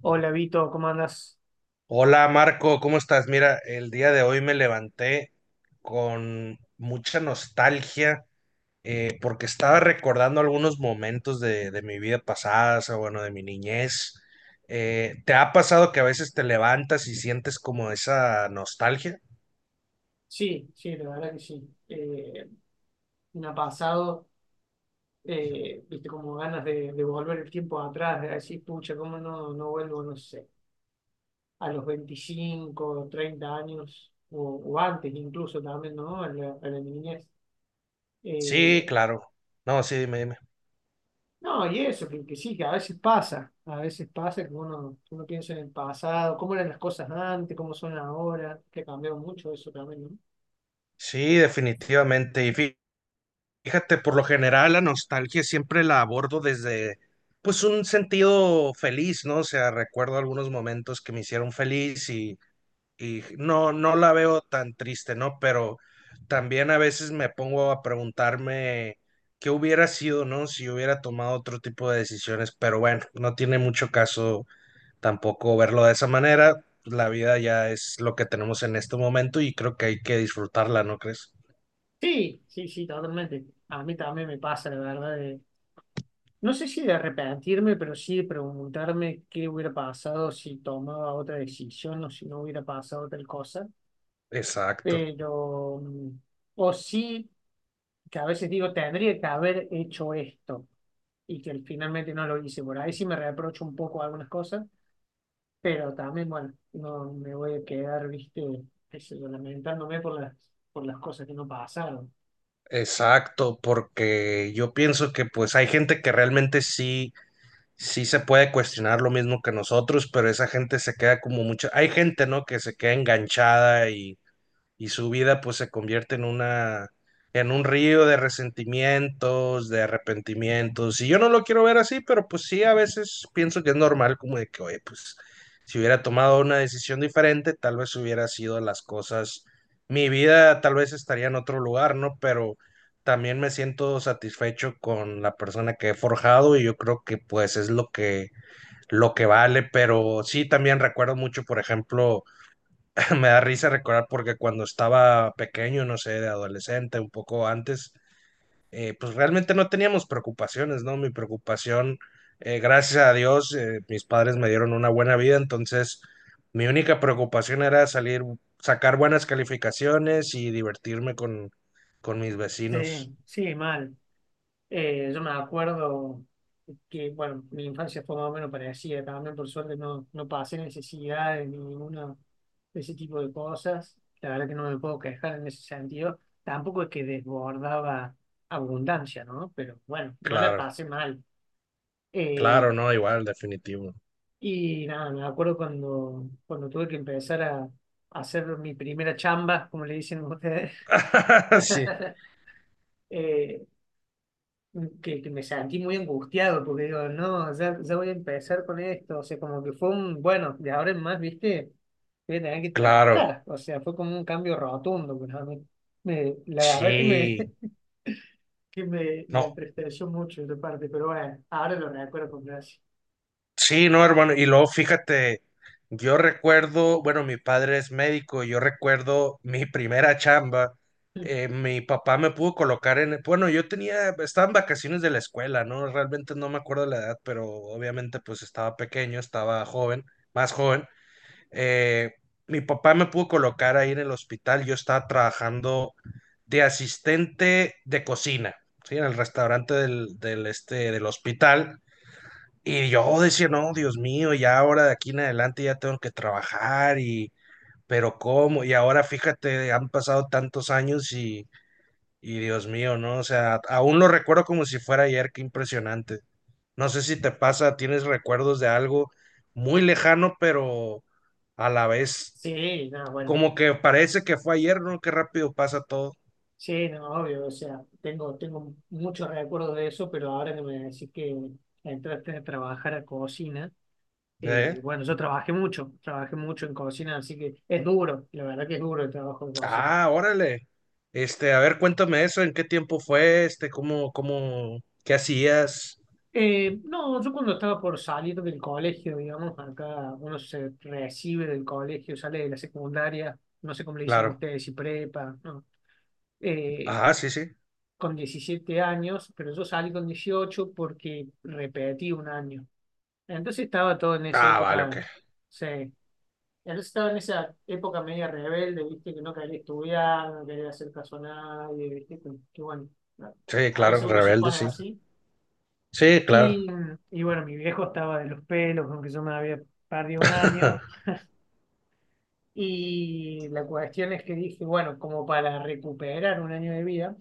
Hola Vito, ¿cómo andas? Hola Marco, ¿cómo estás? Mira, el día de hoy me levanté con mucha nostalgia porque estaba recordando algunos momentos de mi vida pasada, o sea, bueno, de mi niñez. ¿Te ha pasado que a veces te levantas y sientes como esa nostalgia? Sí, sí, la verdad que sí. Me ha pasado, viste, como ganas de volver el tiempo atrás, de decir, pucha, ¿cómo no vuelvo, no sé, a los 25 30 años, o antes incluso también, ¿no? A la niñez. Sí, Eh, claro. No, sí, dime, dime. no, y eso, que sí, que a veces pasa que que uno piensa en el pasado, cómo eran las cosas antes, cómo son ahora, que ha cambiado mucho eso también, ¿no? Sí, definitivamente. Fíjate, por lo general la nostalgia siempre la abordo desde, pues, un sentido feliz, ¿no? O sea, recuerdo algunos momentos que me hicieron feliz y no, no la veo tan triste, ¿no? Pero también a veces me pongo a preguntarme qué hubiera sido, ¿no? Si hubiera tomado otro tipo de decisiones, pero bueno, no tiene mucho caso tampoco verlo de esa manera. La vida ya es lo que tenemos en este momento y creo que hay que disfrutarla, ¿no crees? Sí, sí, sí, totalmente. A mí también me pasa, la verdad, no sé si de arrepentirme, pero sí de preguntarme qué hubiera pasado si tomaba otra decisión o si no hubiera pasado tal cosa. Exacto. Pero, o sí, que a veces digo, tendría que haber hecho esto y que finalmente no lo hice. Por ahí sí me reprocho un poco algunas cosas, pero también, bueno, no me voy a quedar, viste, qué sé yo, lamentándome por por las cosas que no pasaron. Exacto, porque yo pienso que pues hay gente que realmente sí, sí se puede cuestionar lo mismo que nosotros, pero esa gente se queda como mucha, hay gente, ¿no? Que se queda enganchada y su vida pues se convierte en una, en un río de resentimientos, de arrepentimientos. Y yo no lo quiero ver así, pero pues sí, a veces pienso que es normal como de que, oye, pues si hubiera tomado una decisión diferente, tal vez hubiera sido las cosas, mi vida tal vez estaría en otro lugar, ¿no? Pero también me siento satisfecho con la persona que he forjado y yo creo que pues es lo que vale, pero sí también recuerdo mucho, por ejemplo, me da risa recordar porque cuando estaba pequeño, no sé, de adolescente, un poco antes, pues realmente no teníamos preocupaciones, ¿no? Mi preocupación, gracias a Dios, mis padres me dieron una buena vida, entonces mi única preocupación era salir, sacar buenas calificaciones y divertirme con mis vecinos. Sí, sí, mal. Yo me acuerdo bueno, mi infancia fue más o menos parecida también, por suerte no pasé necesidades ni ninguna de ese tipo de cosas. La verdad que no me puedo quejar en ese sentido. Tampoco es que desbordaba abundancia, ¿no? Pero bueno, no la Claro, pasé mal. Eh, claro, no, igual, definitivo. y nada, me acuerdo cuando tuve que empezar a hacer mi primera chamba, como le dicen ustedes. Sí, Eh, que me sentí muy angustiado porque digo, no, ya voy a empezar con esto, o sea, como que fue un, bueno, de ahora en más, viste, voy a tener que claro, trabajar, o sea, fue como un cambio rotundo, pero la verdad que me, sí. Me No, entristeció mucho esa parte, pero bueno, ahora lo recuerdo con gracia. sí, no, hermano. Y luego fíjate, yo recuerdo, bueno, mi padre es médico, yo recuerdo mi primera chamba. Mi papá me pudo colocar en, bueno, yo tenía, estaba en vacaciones de la escuela, ¿no? Realmente no me acuerdo la edad, pero obviamente pues estaba pequeño, estaba joven, más joven. Eh, Mi papá me pudo colocar ahí en el hospital, yo estaba trabajando de asistente de cocina, ¿sí? En el restaurante del este, del hospital. Y yo decía, no, Dios mío, ya ahora de aquí en adelante ya tengo que trabajar y, pero ¿cómo? Y ahora fíjate, han pasado tantos años y Dios mío, ¿no? O sea, aún lo recuerdo como si fuera ayer, qué impresionante. No sé si te pasa, tienes recuerdos de algo muy lejano, pero a la vez Sí, no, bueno, como que parece que fue ayer, ¿no? Qué rápido pasa todo. sí, no, obvio, o sea, tengo muchos recuerdos de eso, pero ahora que me decís que entraste a trabajar a cocina. ¿Eh? Bueno, yo trabajé mucho en cocina, así que es duro, la verdad que es duro el trabajo de cocina. Ah, órale. Este, a ver, cuéntame eso, ¿en qué tiempo fue? Este, qué hacías? No, yo cuando estaba por salir del colegio, digamos, acá uno se recibe del colegio, sale de la secundaria, no sé cómo le dicen Claro. ustedes, si prepa, ¿no? Eh, Ah, sí, sí. con 17 años, pero yo salí con 18 porque repetí un año. Entonces estaba todo en esa Ah, vale, ok. época, sí, entonces estaba en esa época media rebelde, viste, que no quería estudiar, no quería hacer caso a nadie, viste, que bueno, Sí, a veces claro, uno se rebelde, pone sí. así. Sí, claro. Y, y bueno, mi viejo estaba de los pelos, aunque yo me había perdido un año. Y la cuestión es que dije, bueno, como para recuperar un año de vida,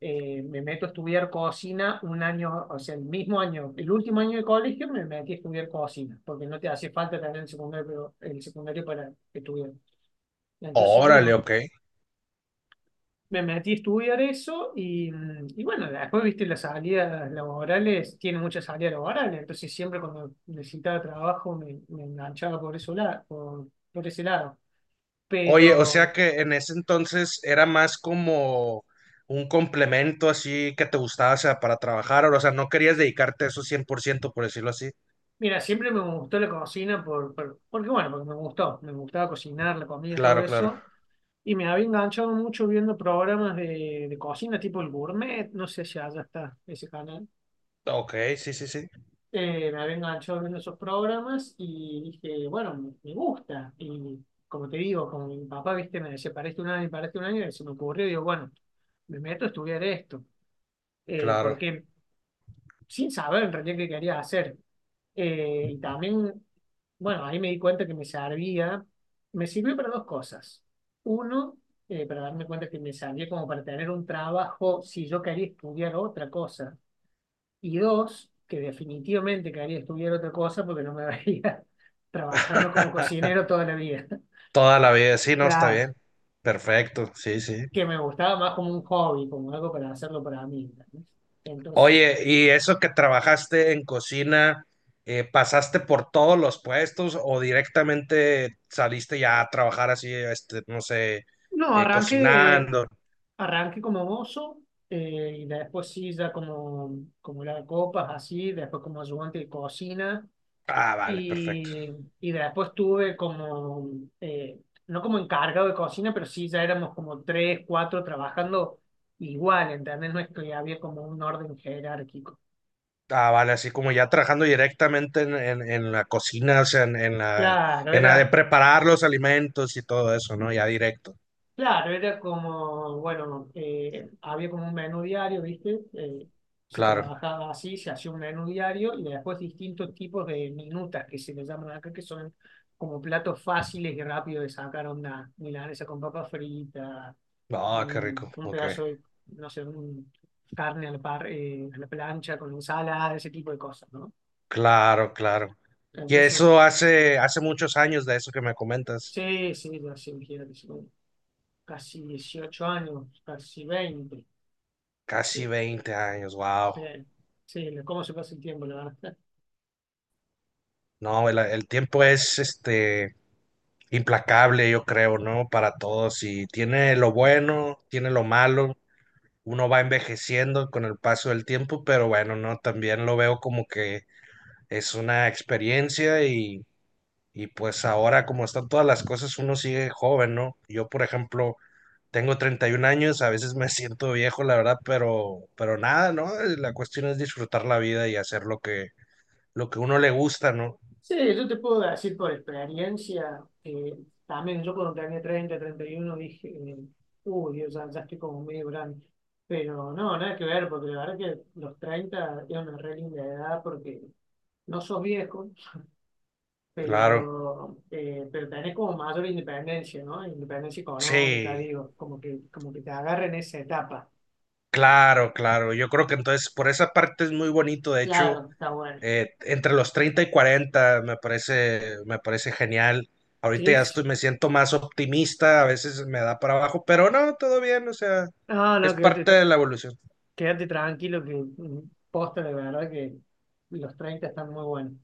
me meto a estudiar cocina un año, o sea, el mismo año, el último año de colegio me metí a estudiar cocina, porque no te hace falta tener el secundario para estudiar. Entonces, Órale, bueno, ok. me metí a estudiar eso y, y bueno, después, viste, las salidas laborales, tiene muchas salidas laborales, entonces siempre cuando necesitaba trabajo me enganchaba por eso por ese lado. Oye, o sea Pero, que en ese entonces era más como un complemento así que te gustaba, o sea, para trabajar, o sea, no querías dedicarte a eso 100%, por ciento, por decirlo así. mira, siempre me gustó la cocina porque, bueno, porque me gustó, me gustaba cocinar, la comida, todo Claro, claro. eso. Y me había enganchado mucho viendo programas de cocina, tipo el Gourmet, no sé si allá está ese canal. Ok, sí, sí, sí. Me había enganchado viendo esos programas y dije, bueno, me gusta. Y como te digo, como mi papá, viste, me decía, para este un año, para este un año, y se me ocurrió, digo, bueno, me meto a estudiar esto, Claro. porque sin saber en realidad qué quería hacer. Y también, bueno, ahí me di cuenta que me servía, me sirvió para dos cosas. Uno, para darme cuenta que me servía como para tener un trabajo si yo quería estudiar otra cosa y dos, que definitivamente quería estudiar otra cosa porque no me veía trabajando como cocinero toda la vida. Toda la vida, sí, no, está Claro, bien. Perfecto, sí, sí. que me gustaba más como un hobby, como algo para hacerlo para mí. ¿Entendés? Entonces, Oye, y eso que trabajaste en cocina, ¿pasaste por todos los puestos o directamente saliste ya a trabajar así, este, no sé, no, arranqué, cocinando? arranqué como mozo y después sí, ya como, como la copas, así, después como ayudante de cocina. Ah, vale, perfecto. Y, y después tuve como, eh, no como encargado de cocina, pero sí ya éramos como tres, cuatro trabajando igual, ¿entendés? No es que había como un orden jerárquico. Ah, vale, así como ya trabajando directamente en la cocina, o sea, Claro, en la de era, preparar los alimentos y todo eso, ¿no? Ya directo, claro, era como, bueno, había como un menú diario, ¿viste? Se claro. trabajaba así, se hacía un menú diario y después distintos tipos de minutas que se les llaman acá, que son como platos fáciles y rápidos de sacar onda, milanesa con papa frita Ah, qué rico, un ok. pedazo de, no sé, un carne a la plancha con ensalada, ese tipo de cosas, ¿no? Claro, claro. Y Entonces, eso hace muchos años de eso que me comentas. sí, sí, yo sí, imagínate, son casi 18 años, casi veinte. Casi Sí, 20 años, wow. sí, sí, cómo se pasa el tiempo, la verdad. No, el tiempo es este implacable, yo creo, ¿no? Para todos. Y tiene lo bueno, tiene lo malo. Uno va envejeciendo con el paso del tiempo, pero bueno, no, también lo veo como que es una experiencia y pues ahora como están todas las cosas, uno sigue joven, ¿no? Yo, por ejemplo, tengo 31 años, a veces me siento viejo, la verdad, pero nada, ¿no? La cuestión es disfrutar la vida y hacer lo que uno le gusta, ¿no? Sí, yo te puedo decir por experiencia, también yo cuando tenía treinta treinta y uno dije, uy, Dios, ya estoy como medio grande. Pero no, nada que ver, porque la verdad que los 30 es una re linda edad porque no sos viejo, Claro, pero tenés como mayor independencia, ¿no? Independencia económica, sí, digo, como que te agarren esa etapa. claro, claro. Yo creo que entonces por esa parte es muy bonito, de hecho, Claro, está bueno. Entre los 30 y 40 me parece genial. Ahorita ya Sí. estoy, me siento más optimista, a veces me da para abajo, pero no, todo bien, o sea, Ah, es no, que parte de la evolución. quédate tranquilo que mm, posta de verdad que los 30 están muy buenos.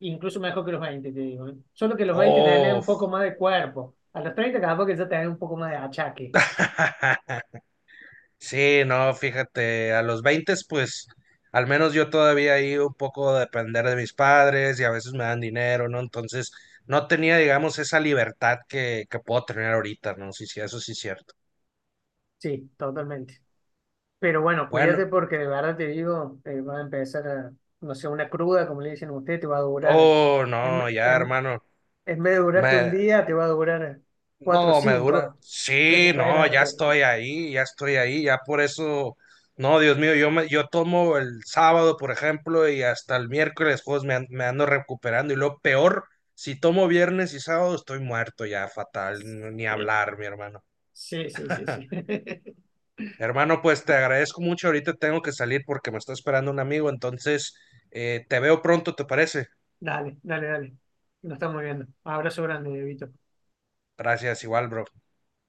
Incluso mejor que los 20 te digo. ¿Eh? Solo que los 20 tenés Oh, un poco más de cuerpo. A los 30 capaz que ya tenés un poco más de achaque. sí, no, fíjate, a los 20, pues al menos yo todavía ahí un poco depender de mis padres y a veces me dan dinero, ¿no? Entonces no tenía, digamos, esa libertad que puedo tener ahorita, ¿no? Sí, sí, eso sí es cierto. Sí, totalmente. Pero bueno, cuídate Bueno, porque de verdad te digo, va a empezar a, no sé, una cruda, como le dicen a usted, te va a durar. oh, En, no, ya, en- hermano, en vez de durarte un me, día, te va a durar cuatro o no, me dura. 5. Sí, no, ya Recuperarte. estoy ahí, ya estoy ahí, ya por eso. No, Dios mío, yo me, yo tomo el sábado, por ejemplo, y hasta el miércoles, juegos me ando recuperando. Y lo peor, si tomo viernes y sábado, estoy muerto ya, fatal, ni hablar, mi hermano. Sí, sí, sí, sí. Sí. Hermano, pues te agradezco mucho. Ahorita tengo que salir porque me está esperando un amigo, entonces te veo pronto, ¿te parece? Dale, dale, dale. Nos estamos viendo. Abrazo grande, Vito. Gracias, igual, bro.